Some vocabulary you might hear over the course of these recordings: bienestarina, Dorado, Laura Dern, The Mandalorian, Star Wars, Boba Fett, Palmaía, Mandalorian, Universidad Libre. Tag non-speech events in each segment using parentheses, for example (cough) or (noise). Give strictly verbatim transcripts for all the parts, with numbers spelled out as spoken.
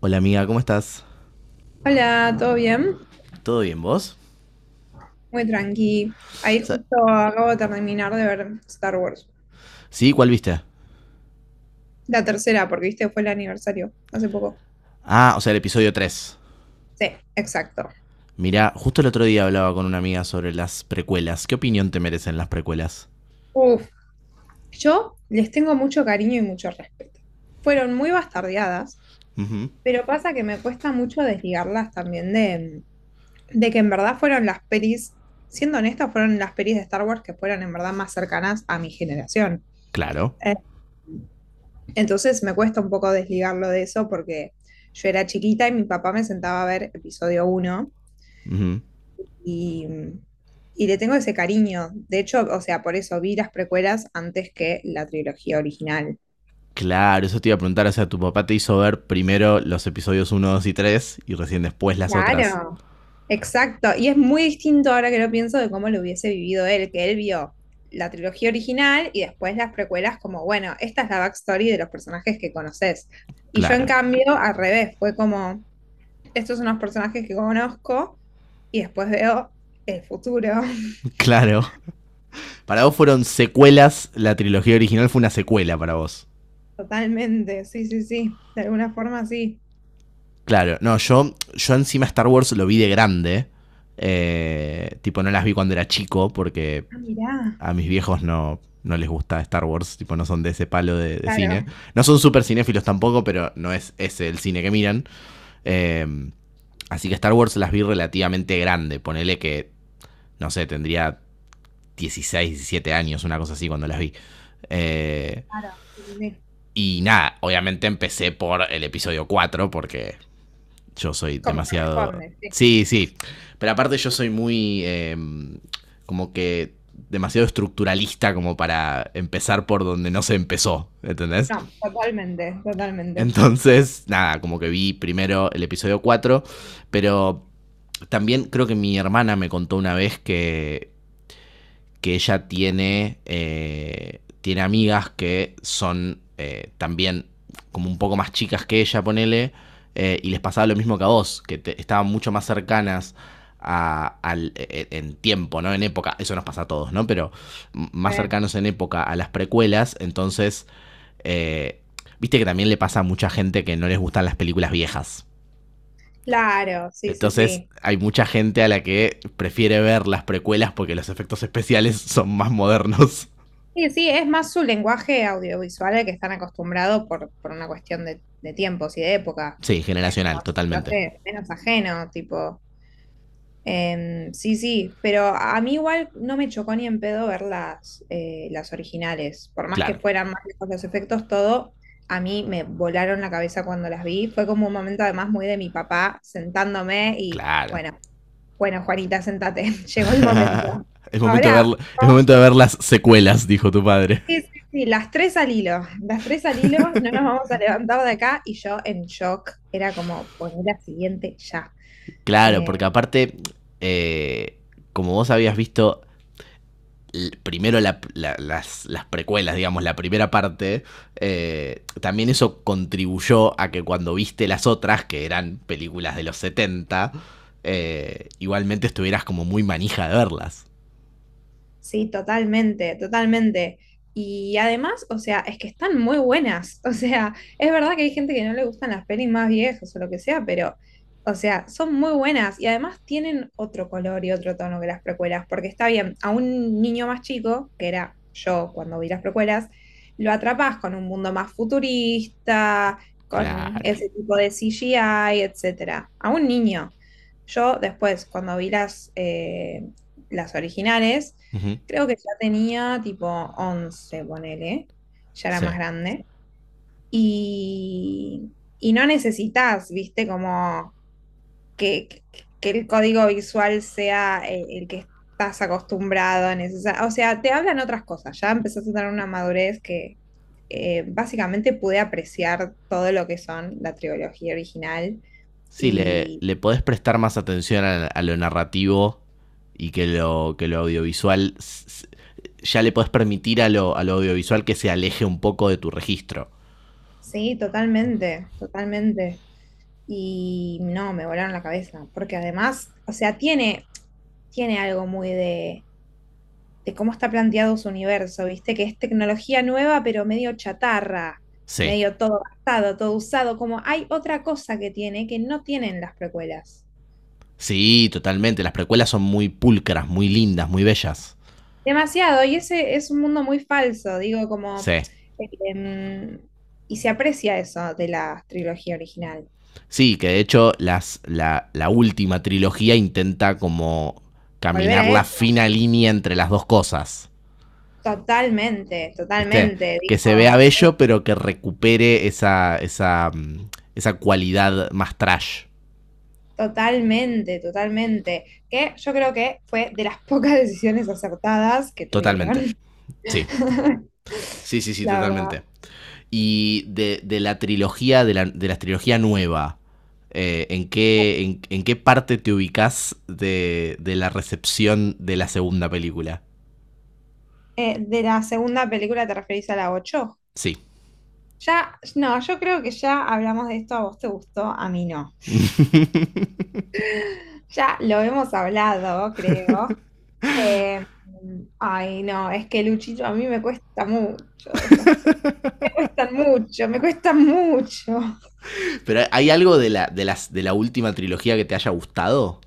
Hola amiga, ¿cómo estás? Hola, ¿todo bien? ¿Todo bien vos? Muy tranqui. Ahí O sea, justo acabo de terminar de ver Star Wars. ¿sí? ¿Cuál viste? La tercera, porque viste, fue el aniversario hace poco. Ah, o sea, el episodio tres. Sí, exacto. Mirá, justo el otro día hablaba con una amiga sobre las precuelas. ¿Qué opinión te merecen las precuelas? Uf, yo les tengo mucho cariño y mucho respeto. Fueron muy bastardeadas, Ujú. pero pasa que me cuesta mucho desligarlas también de, de que en verdad fueron las pelis, siendo honestas, fueron las pelis de Star Wars que fueron en verdad más cercanas a mi generación. Claro. Entonces me cuesta un poco desligarlo de eso porque yo era chiquita y mi papá me sentaba a ver episodio uno Ujú. y, y le tengo ese cariño. De hecho, o sea, por eso vi las precuelas antes que la trilogía original. Claro, eso te iba a preguntar. O sea, tu papá te hizo ver primero los episodios uno, dos y tres y recién después las otras. Claro. Exacto, y es muy distinto ahora que lo pienso de cómo lo hubiese vivido él, que él vio la trilogía original y después las precuelas como, bueno, esta es la backstory de los personajes que conoces. Y yo en Claro. cambio, al revés, fue como, estos son los personajes que conozco. Y después veo el futuro. (laughs) (laughs) Claro. Para vos fueron secuelas, la trilogía original fue una secuela para vos. Totalmente, sí, sí, sí, de alguna forma sí. Claro, no, yo, yo encima Star Wars lo vi de grande. Eh, tipo, no las vi cuando era chico porque Ah, mirá, a mis viejos no, no les gusta Star Wars, tipo, no son de ese palo de, de cine. claro, No son súper cinéfilos tampoco, pero no es ese el cine que miran. Eh, Así que Star Wars las vi relativamente grande. Ponele que, no sé, tendría dieciséis, diecisiete años, una cosa así cuando las vi. Eh, claro, sí, sí, sí. y nada, obviamente empecé por el episodio cuatro porque yo soy Como demasiado. corresponde, sí. Sí, sí. Pero aparte yo soy muy, eh, como que demasiado estructuralista como para empezar por donde no se empezó, ¿entendés? No, totalmente, totalmente. Entonces, nada, como que vi primero el episodio cuatro, pero también creo que mi hermana me contó una vez que que ella tiene, eh, tiene amigas que son eh, también como un poco más chicas que ella, ponele, eh, y les pasaba lo mismo que a vos, que te- estaban mucho más cercanas a- al, e- e, en tiempo, ¿no? En época, eso nos pasa a todos, ¿no? Pero más Re. cercanos en época a las precuelas, entonces, eh, viste que también le pasa a mucha gente que no les gustan las películas viejas. Claro, sí, sí, Entonces sí. hay mucha gente a la que prefiere ver las precuelas porque los efectos especiales (laughs) son más modernos. Sí, sí, es más su lenguaje audiovisual al que están acostumbrados por, por una cuestión de, de tiempos y de época. Sí, Es como generacional, se te totalmente. hace menos ajeno, tipo. Em, sí, sí, pero a mí igual no me chocó ni en pedo ver las, eh, las originales. Por más que Claro, fueran más lejos los efectos, todo, a mí me volaron la cabeza cuando las vi. Fue como un momento además muy de mi papá sentándome y claro. bueno, bueno, Juanita, sentate, (laughs) llegó el momento. (laughs) es, momento de Ahora, ver, es vamos- momento de ver las secuelas, dijo tu padre. sí, sí, sí, las tres al hilo, las tres al hilo, no nos vamos a levantar de acá y yo en shock, era como poner la siguiente ya. Claro, porque Em, aparte, eh, como vos habías visto primero la- la- las, las precuelas, digamos, la primera parte, eh, también eso contribuyó a que cuando viste las otras, que eran películas de los setenta, eh, igualmente estuvieras como muy manija de verlas. Sí, totalmente, totalmente. Y además, o sea, es que están muy buenas. (laughs) O sea, es verdad que hay gente que no le gustan las pelis más viejas o lo que sea, pero, o sea, son muy buenas. Y además tienen otro color y otro tono que las precuelas, porque está bien, a un niño más chico, que era yo cuando vi las precuelas, lo atrapas con un mundo más futurista, con Claro. ese tipo de C G I, etcétera. A un niño. Yo después, cuando vi las, eh, las originales, Ujú. creo que ya tenía tipo once ponele, ya era Sí. más grande. Y, y no necesitas, viste, como que, que- que el código visual sea el, el que estás acostumbrado a necesitar, o sea, te hablan otras cosas, ya empezás a tener una madurez que eh, básicamente pude apreciar todo lo que son la trilogía original. Sí, le, Y le podés prestar más atención a, a lo narrativo y que lo, que lo audiovisual s- ya le podés permitir a lo, a lo audiovisual que se aleje un poco de tu registro. sí, totalmente, totalmente. Y no, me volaron la cabeza, porque además, o sea, tiene tiene algo muy de, de cómo está planteado su universo, ¿viste? Que es tecnología nueva, pero medio chatarra, Sí. medio todo gastado, todo usado, como hay otra cosa que tiene que no tienen las precuelas. Sí, totalmente. Las precuelas son muy pulcras, muy lindas, muy bellas. Demasiado, y ese es un mundo muy falso, digo, como... Sí. em, y se aprecia eso de la trilogía original. Sí, que de hecho las, la, la última trilogía intenta como Volver caminar a la eso, fina línea entre las dos cosas. totalmente, ¿Viste? totalmente, Que se vea digo, bello, sí. pero que recupere esa, esa, mm, esa cualidad más trash. Totalmente, totalmente. Que yo creo que fue de las (laughs) pocas decisiones acertadas que tuvieron, Totalmente. Sí. (laughs) Sí, sí, sí, la verdad. totalmente. Y de, de la trilogía, de la, de la trilogía nueva, eh, ¿en, qué, en, en qué parte te ubicas de, de, la recepción de la segunda película? Eh, de la segunda película te referís a la ocho. Sí. Ya, no, yo creo que ya hablamos de esto, a vos te gustó, a mí no. (laughs) (laughs) Ya lo hemos hablado, creo. Eh, Ay, no, es que Luchito a mí me cuesta mucho, estas- pe- me cuestan mucho, me cuestan mucho. Pero ¿hay algo de la, de, las, de la última trilogía que te haya gustado?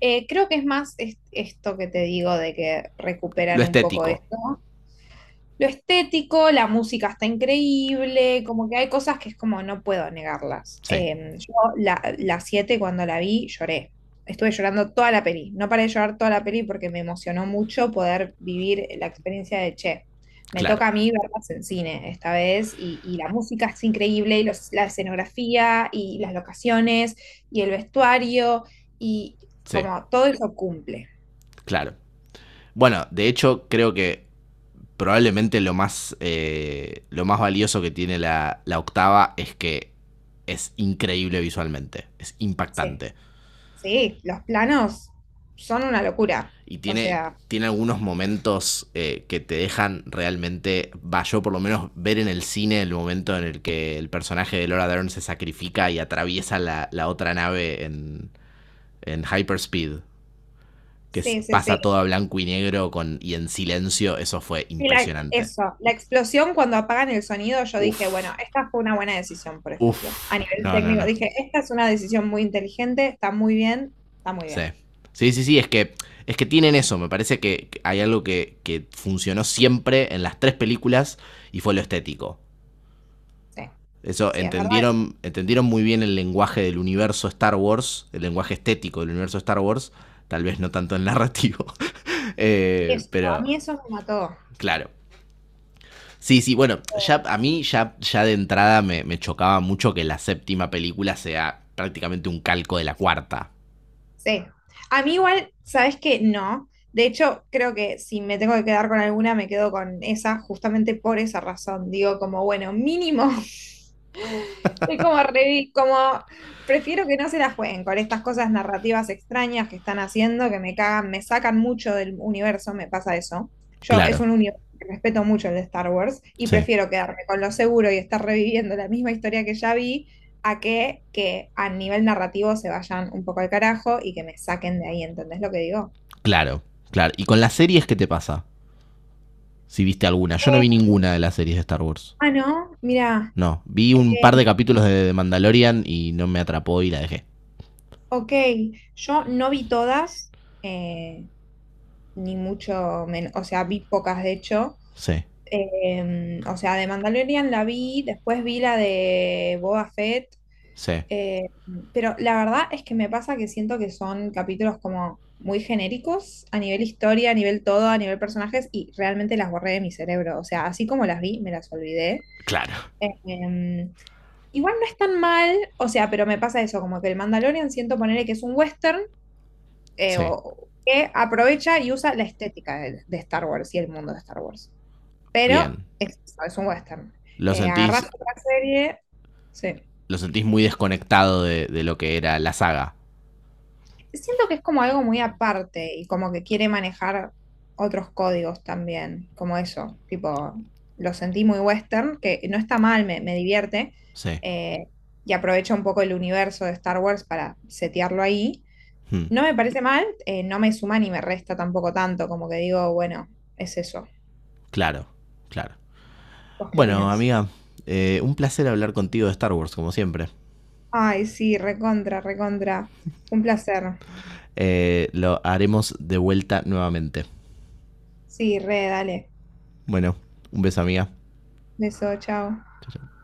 Eh, creo que es más es- esto que te digo de que Lo recuperan un poco estético. esto, lo estético, la música está increíble, como que hay cosas que es como no puedo negarlas. Sí, Eh, yo la, la siete cuando la vi lloré, estuve llorando toda la peli, no paré de llorar toda la peli porque me emocionó mucho poder vivir la experiencia de Che. Me claro. toca a mí verlas en cine esta vez y, y la música es increíble y los- la escenografía y las locaciones y el vestuario y Sí, como todo eso cumple. claro. Bueno, de hecho, creo que probablemente lo más, eh, lo más valioso que tiene la, la octava es que es increíble visualmente, es Sí, impactante. sí, los planos son una locura. Y O tiene, sea, tiene algunos momentos eh, que te dejan realmente, va, yo por lo menos ver en el cine el momento en el que el personaje de Laura Dern se sacrifica y atraviesa la, la otra nave en, en hyperspeed, que es- sí, sí, sí. pasa todo a blanco y negro con, y en silencio, eso fue Y la- impresionante. eso, la explosión cuando apagan el sonido, yo dije, bueno, Uf, esta fue una buena decisión, por ejemplo. uf, A nivel no, no, técnico, no. dije, esta es una decisión muy inteligente, está muy bien, está muy Sí. bien. Sí, sí, sí, es que, es que tienen eso. Me parece que que hay algo que, que funcionó siempre en las tres películas y fue lo estético. Sí, Eso sí, es verdad eso. entendieron, entendieron muy bien el lenguaje del universo Star Wars, el lenguaje estético del universo Star Wars, tal vez no tanto el narrativo. (laughs) Eh, Eso, a Pero, mí eso me mató. claro. Sí, sí, bueno, ya a mí ya, ya de entrada me, me chocaba mucho que la séptima película sea prácticamente un calco de la cuarta. Sí. A mí igual, ¿sabes qué? No. De hecho, creo que si me tengo que quedar con alguna, me quedo con esa, justamente por esa razón. Digo, como, bueno, mínimo. (laughs) Es como, re- como, prefiero que no se la jueguen con estas cosas narrativas extrañas que están haciendo, que me cagan, me sacan mucho del universo, me pasa eso. Yo es Claro, un universo que respeto mucho el de Star Wars y sí. prefiero quedarme con lo seguro y estar reviviendo la misma historia que ya vi a que, que a nivel narrativo se vayan un poco al carajo y que me saquen de ahí, ¿entendés lo que digo? Claro, claro. ¿Y con las series qué te pasa? Si viste alguna. Yo no Eh, vi ninguna de las series de Star Wars. ah, no, mira, No, vi un par de eh, capítulos de The Mandalorian y no me atrapó y la dejé. ok, yo no vi todas, eh, ni mucho menos, o sea, vi pocas de hecho. Sí, Eh, o sea, de Mandalorian la vi, después vi la de Boba Fett. sí. Eh, pero la verdad es que me pasa que siento que son capítulos como muy genéricos a nivel historia, a nivel todo, a nivel personajes, y realmente las borré de mi cerebro. O sea, así como las vi, me las olvidé. Claro. Eh, em, igual no es tan mal, o sea, pero me pasa eso, como que el Mandalorian siento ponerle que es un western, eh, Sí. o- que aprovecha y usa la estética de, de Star Wars y el mundo de Star Wars. Pero Bien. es, es un western. Lo Eh, agarrás sentís, otra serie, sí. lo sentís muy desconectado de, de, lo que era la saga. Siento que es como algo muy aparte y como que quiere manejar otros códigos también, como eso, tipo, lo sentí muy western, que no está mal, me, me divierte, Sí. eh, y aprovecha un poco el universo de Star Wars para setearlo ahí. Hmm. No me parece mal, eh, no me suma ni me resta tampoco tanto, como que digo, bueno, es eso. Claro, claro. ¿Vos qué Bueno, opinás? amiga, eh, un placer hablar contigo de Star Wars, como siempre. Ay, sí, recontra, recontra. Un placer. Eh, lo haremos de vuelta nuevamente. Sí, re, dale. Bueno, un beso, amiga. Beso, chao. Chau, chau.